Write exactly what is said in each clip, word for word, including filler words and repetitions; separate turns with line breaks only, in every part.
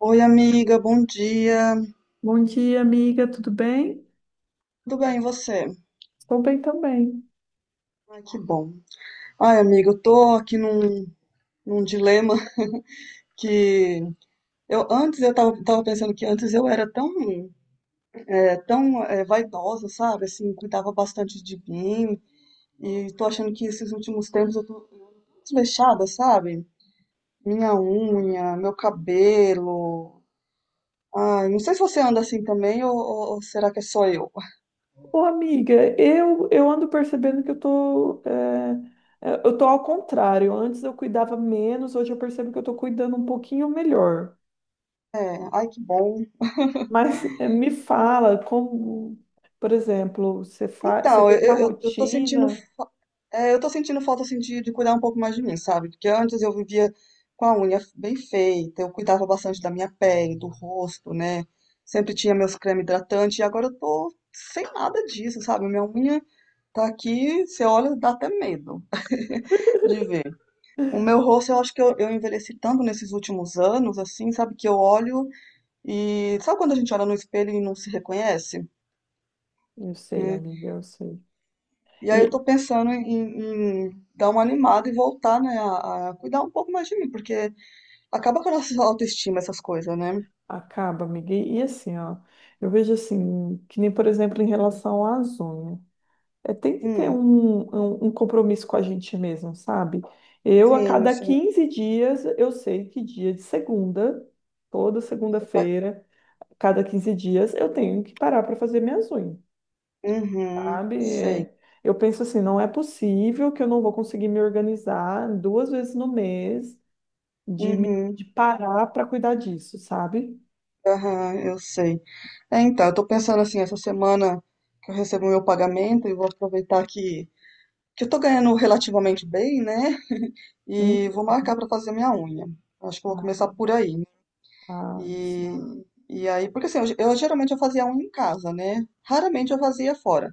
Oi, amiga, bom dia.
Bom dia, amiga, tudo bem?
Tudo bem, e você?
Estou bem também.
Ai, que bom. Ai, amiga, eu tô aqui num, num dilema que eu antes eu tava, tava pensando que antes eu era tão, é, tão é, vaidosa, sabe? Assim, cuidava bastante de mim e tô achando que esses últimos tempos eu tô desleixada, sabe? Minha unha, meu cabelo. Ai, não sei se você anda assim também ou, ou ou será que é só eu?
Ô, amiga, eu, eu ando percebendo que eu tô, é, é, eu tô ao contrário. Antes eu cuidava menos, hoje eu percebo que eu tô cuidando um pouquinho melhor.
É, ai, que bom.
Mas é, me fala como, por exemplo, você faz, você
Então,
tem uma
eu, eu, eu tô sentindo
rotina?
É, eu tô sentindo falta assim, de, de cuidar um pouco mais de mim, sabe? Porque antes eu vivia com a unha bem feita, eu cuidava bastante da minha pele, do rosto, né? Sempre tinha meus cremes hidratantes e agora eu tô sem nada disso, sabe? Minha unha tá aqui, você olha, dá até medo de ver. O meu rosto, eu acho que eu, eu envelheci tanto nesses últimos anos, assim, sabe? Que eu olho e. Sabe quando a gente olha no espelho e não se reconhece?
Eu sei,
Né?
amiga, eu sei.
E aí eu
E
tô pensando em, em dar uma animada e voltar, né, a, a cuidar um pouco mais de mim, porque acaba com a nossa autoestima essas coisas, né?
acaba, amiga. E, e assim, ó, eu vejo assim, que nem, por exemplo, em relação às unhas. É, tem que ter
Hum,
um, um, um compromisso com a gente mesmo, sabe? Eu, a
sim,
cada
sim.
quinze dias, eu sei que dia de segunda, toda
você faz-
segunda-feira, cada quinze dias, eu tenho que parar para fazer minhas unhas,
Uhum,
sabe?
sei.
É, eu penso assim, não é possível que eu não vou conseguir me organizar duas vezes no mês de, me-
Uhum,
de parar para cuidar disso, sabe?
aham, eu sei. É, então, eu tô pensando assim, essa semana que eu recebo o meu pagamento e vou aproveitar que, que eu tô ganhando relativamente bem, né? E
Hum.
vou marcar pra fazer minha unha. Acho que eu vou começar
Ah,
por aí.
ah.
E, e aí, porque assim, eu, eu geralmente eu fazia unha em casa, né? Raramente eu fazia fora.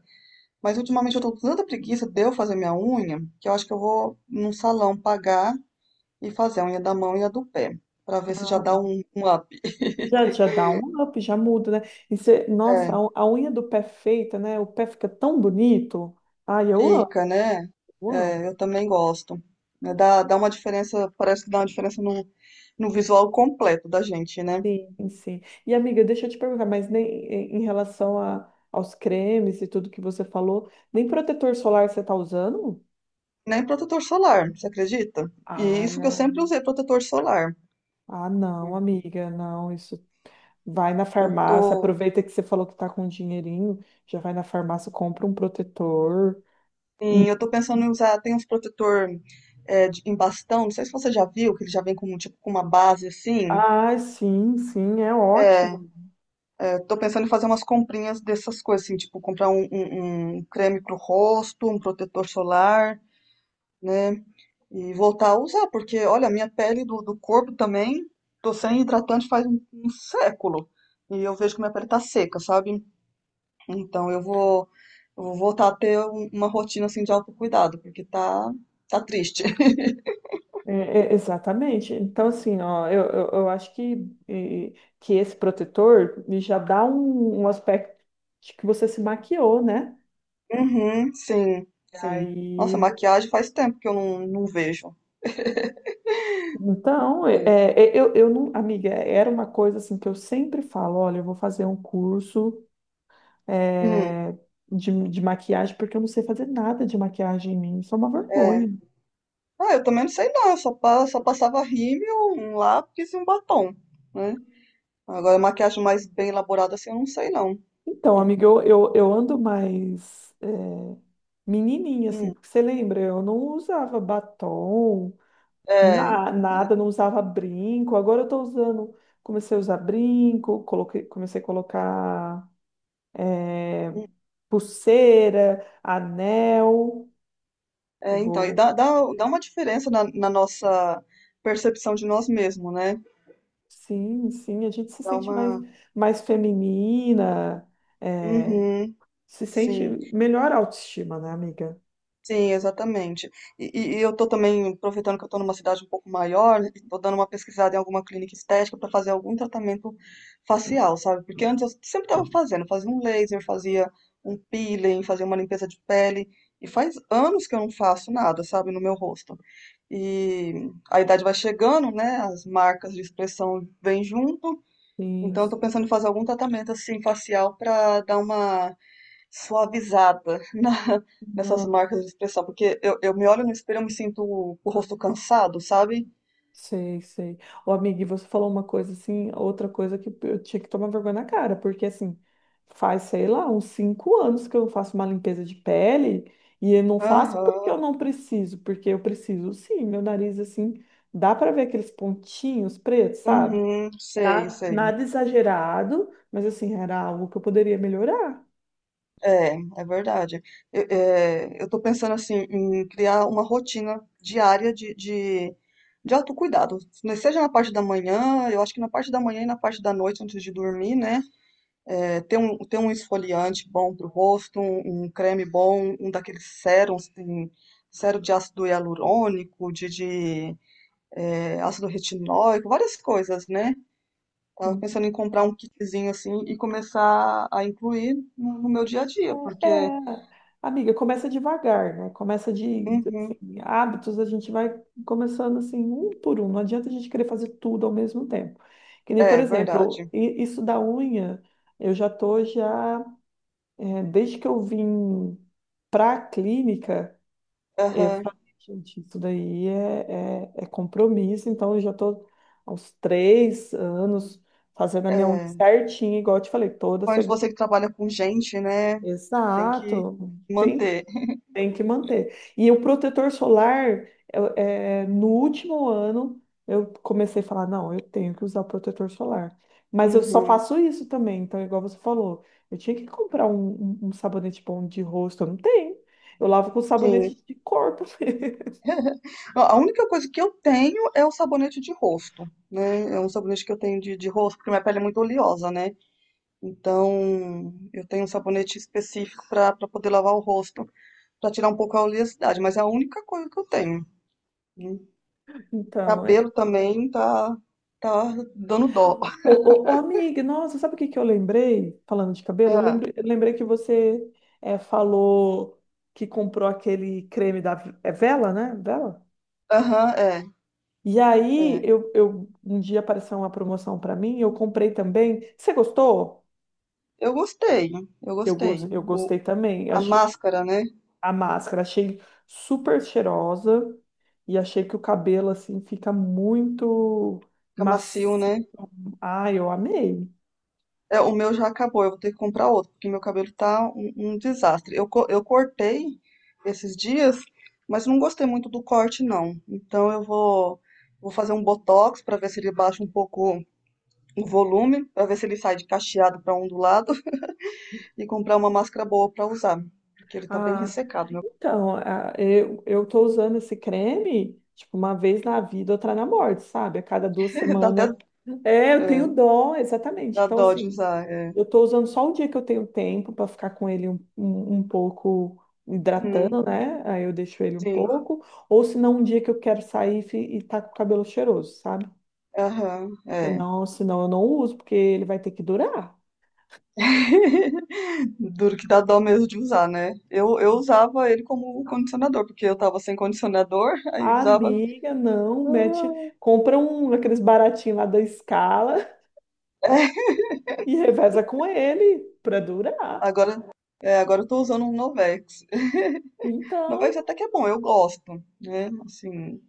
Mas ultimamente eu tô com tanta preguiça de eu fazer minha unha, que eu acho que eu vou num salão pagar e fazer a unha da mão e a do pé, pra ver se já dá um, um up.
Já, já dá um up, já muda, né? E você- nossa,
É,
a, a unha do pé feita, né? O pé fica tão bonito. Ai, eu amo,
fica, né?
eu amo.
É, eu também gosto. Né? Dá, dá uma diferença, parece que dá uma diferença no, no visual completo da gente, né?
Sim, sim. E amiga, deixa eu te perguntar, mas nem em em relação a, aos cremes e tudo que você falou, nem protetor solar você tá usando?
Nem protetor solar, você acredita? E
Ah,
isso que eu sempre usei protetor solar.
ah, não, amiga, não, isso. Vai na
Eu
farmácia, aproveita que você falou que tá com um dinheirinho, já vai na farmácia, compra um protetor.
Sim, eu tô pensando em usar, tem uns protetor é, de- em bastão, não sei se você já viu, que ele já vem com, tipo, com uma base assim.
Ah, sim, sim, é
É,
ótimo.
é, tô pensando em fazer umas comprinhas dessas coisas, assim, tipo, comprar um, um, um creme pro rosto, um protetor solar, né? E voltar a usar, porque, olha, a minha pele do, do corpo também, tô sem hidratante faz um, um século. E eu vejo que minha pele tá seca, sabe? Então eu vou, eu vou voltar a ter um- uma rotina, assim, de autocuidado, porque tá, tá triste.
É, é, exatamente. Então, assim, ó, eu, eu, eu acho que, eh, que esse protetor ele já dá um, um aspecto de que você se maquiou, né?
Uhum, sim,
E
sim.
aí,
Nossa, maquiagem faz tempo que eu não, não vejo.
então, é, é, eu, eu não, amiga, era uma coisa assim que eu sempre falo, olha, eu vou fazer um curso
Hum,
eh, de, de maquiagem, porque eu não sei fazer nada de maquiagem em mim, isso é uma vergonha.
é. Ah, eu também não sei não, eu só, pa- só passava rímel, um lápis e um batom, né? Agora, maquiagem mais bem elaborada assim, eu não sei não.
Então,
Hum,
amiga, eu, eu, eu ando mais eh, menininha, assim,
hum.
porque você lembra, eu não usava batom,
É,
Na- nada, não usava brinco. Agora eu tô usando. Comecei a usar brinco, coloquei, comecei a colocar eh, pulseira, anel.
é, então, e
Vou.
dá, dá, dá uma diferença na, na nossa percepção de nós mesmos, né?
Sim, sim, a gente se
Dá
sente mais,
uma...
mais feminina, eh,
Uhum,
se sente
sim.
melhor autoestima, né, amiga?
Sim, exatamente. E, e- e eu tô também aproveitando que eu tô numa cidade um pouco maior, e tô dando uma pesquisada em alguma clínica estética para fazer algum tratamento facial, sabe? Porque antes eu sempre tava fazendo, fazia um laser, fazia um peeling, fazia uma limpeza de pele, e faz anos que eu não faço nada, sabe, no meu rosto. E a idade vai chegando, né? As marcas de expressão vêm junto.
Sim.
Então, eu tô pensando em fazer algum tratamento assim facial para dar uma suavizada na- nessas marcas de expressão, porque eu, eu me olho no espelho e eu me sinto o, o rosto cansado, sabe?
Sei, sei. Ô, amiga, e você falou uma coisa assim, outra coisa que eu tinha que tomar vergonha na cara, porque assim, faz, sei lá, uns cinco anos que eu faço uma limpeza de pele e eu não faço porque
Aham,
eu não preciso, porque eu preciso sim, meu nariz assim, dá pra ver aqueles pontinhos pretos, sabe?
uhum, sei,
Nada,
sei.
nada exagerado, mas assim, era algo que eu poderia melhorar.
É, é verdade. Eu, é, eu tô pensando assim em criar uma rotina diária de, de, de autocuidado, né, seja na parte da manhã, eu acho que na parte da manhã e na parte da noite antes de dormir, né? é, ter, um, ter um esfoliante bom para o rosto, um, um creme bom, um daqueles sérums, tem sérum de ácido hialurônico, de, de é, ácido retinóico, várias coisas, né? Tava pensando em comprar um kitzinho assim e começar a incluir no, no meu dia a dia, porque.
É, amiga, começa devagar, né? Começa de,
Uhum,
assim, hábitos, a gente vai começando assim, um por um. Não adianta a gente querer fazer tudo ao mesmo tempo. Que nem, por
é
exemplo,
verdade.
i- isso da unha, eu já tô já, é, desde que eu vim para a clínica, eu
Aham,
falei, gente, isso daí é, é, é compromisso, então eu já tô há uns três anos fazendo a minha unha
é,
certinha, igual eu te falei, toda
principalmente
segunda.
você que trabalha com gente, né? Tem que
Exato. Tem
manter.
Tem que manter. E o protetor solar, eu- é, no último ano, eu comecei a falar, não, eu tenho que usar o protetor solar. Mas eu só
Uhum,
faço isso também, então, igual você falou, eu tinha que comprar um, um- um sabonete bom de rosto, eu não tenho. Eu lavo com
sim.
sabonete de corpo.
A a única coisa que eu tenho é o sabonete de rosto, né? É um sabonete que eu tenho de, de rosto, porque minha pele é muito oleosa, né? Então, eu tenho um sabonete específico para poder lavar o rosto, para tirar um pouco a oleosidade, mas é a única coisa que eu tenho. Né?
Então, é.
Cabelo também tá, tá dando dó.
Ô, ô, ô, amiga, nossa, sabe o que que eu lembrei? Falando de cabelo, eu
Ah,
lembrei, eu lembrei que você é, falou que comprou aquele creme da é vela, né? Vela?
aham, é,
E aí,
é.
eu, eu- um dia apareceu uma promoção para mim, eu comprei também. Você gostou?
Eu gostei, eu
Eu,
gostei.
gos- eu
O,
gostei também.
a
Achei-
máscara, né?
a máscara, achei super cheirosa e achei que o cabelo, assim, fica muito
Fica macio,
macio.
né?
Ah, eu amei.
É, o meu já acabou, eu vou ter que comprar outro, porque meu cabelo tá um, um desastre. Eu, co- eu cortei esses dias, mas não gostei muito do corte, não. Então eu vou, vou fazer um botox para ver se ele baixa um pouco o volume, para ver se ele sai de cacheado para ondulado e comprar uma máscara boa para usar, porque ele tá bem
Ah,
ressecado, meu.
então, ah, eu, eu tô usando esse creme, tipo, uma vez na vida, outra na morte, sabe? A cada duas
Dá até
semanas. É, eu
é,
tenho dó, exatamente.
dá
Então,
dó de
assim.
usar, é.
Eu estou usando só o dia que eu tenho tempo para ficar com ele um, um, um pouco hidratando,
Uhum,
né? Aí eu deixo ele um
sim,
pouco. Ou se não, um dia que eu quero sair e, fi- e tá com o cabelo cheiroso, sabe?
aham, é.
Senão, senão eu não uso, porque ele vai ter que durar.
Duro que dá dó mesmo de usar, né? Eu, eu usava ele como condicionador, porque eu tava sem condicionador, aí usava.
Amiga, não,
Ah,
mete, compra um aqueles baratinhos lá da Scala
é,
e reveza com ele para durar.
Agora, é, agora eu tô usando um Novex. Novex
Então,
até que é bom, eu gosto, né? Assim,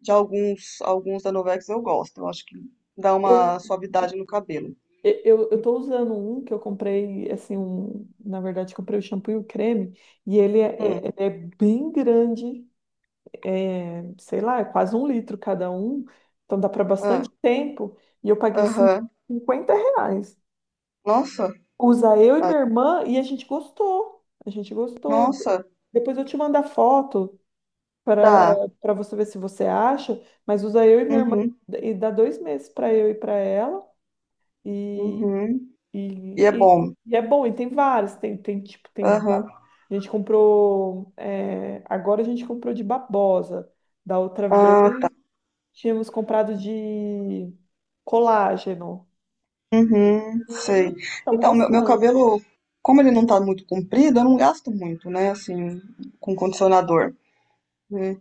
de alguns, alguns da Novex eu gosto. Eu acho que dá
eu
uma suavidade no cabelo.
E- Eu, eu tô usando um que eu comprei, assim, um, na verdade, comprei o shampoo e o creme, e ele é,
Hum,
é- ele é bem grande, é, sei lá, é quase um litro cada um, então dá para bastante
ah,
tempo, e eu paguei cin-
aham.
cinquenta reais.
Nossa,
Usa eu e minha irmã, e a gente gostou, a gente gostou.
nossa,
Depois eu te mando a foto
tá.
para para você ver se você acha, mas usa eu e minha irmã,
Uhum,
e dá dois meses para eu e para ela.
uhum. E
E,
é
e-
bom.
e é bom, e tem vários, tem, tem tipo, tem de
Aham.
ba- a gente comprou, é, agora a gente comprou de babosa. Da outra
Ah,
vez tínhamos comprado de colágeno.
uhum, sei.
E estamos
Então, meu, meu
gostando.
cabelo, como ele não tá muito comprido, eu não gasto muito, né? Assim, com condicionador. Né?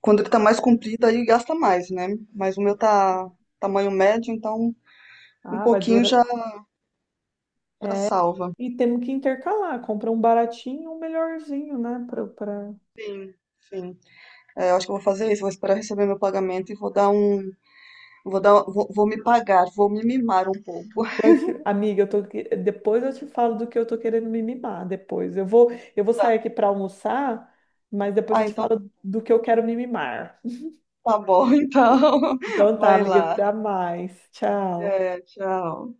Quando ele tá mais comprido, aí gasta mais, né? Mas o meu tá tamanho médio, então um
Ah, vai
pouquinho
durar.
já, já salva.
E temos que intercalar, compra um baratinho e um melhorzinho, né? Pra, pra...
Sim, sim. É, eu acho que eu vou fazer isso, vou esperar receber meu pagamento e vou dar um. Vou dar, vou, vou me pagar, vou me mimar um pouco.
Mas, amiga, eu tô... que- depois eu te falo do que eu tô querendo me mimar depois. Eu vou, eu vou sair aqui para almoçar, mas depois eu
Ah,
te
então
falo do que eu quero me mimar.
tá bom, então.
Então tá,
Vai
amiga,
lá.
até mais. Tchau.
É, tchau.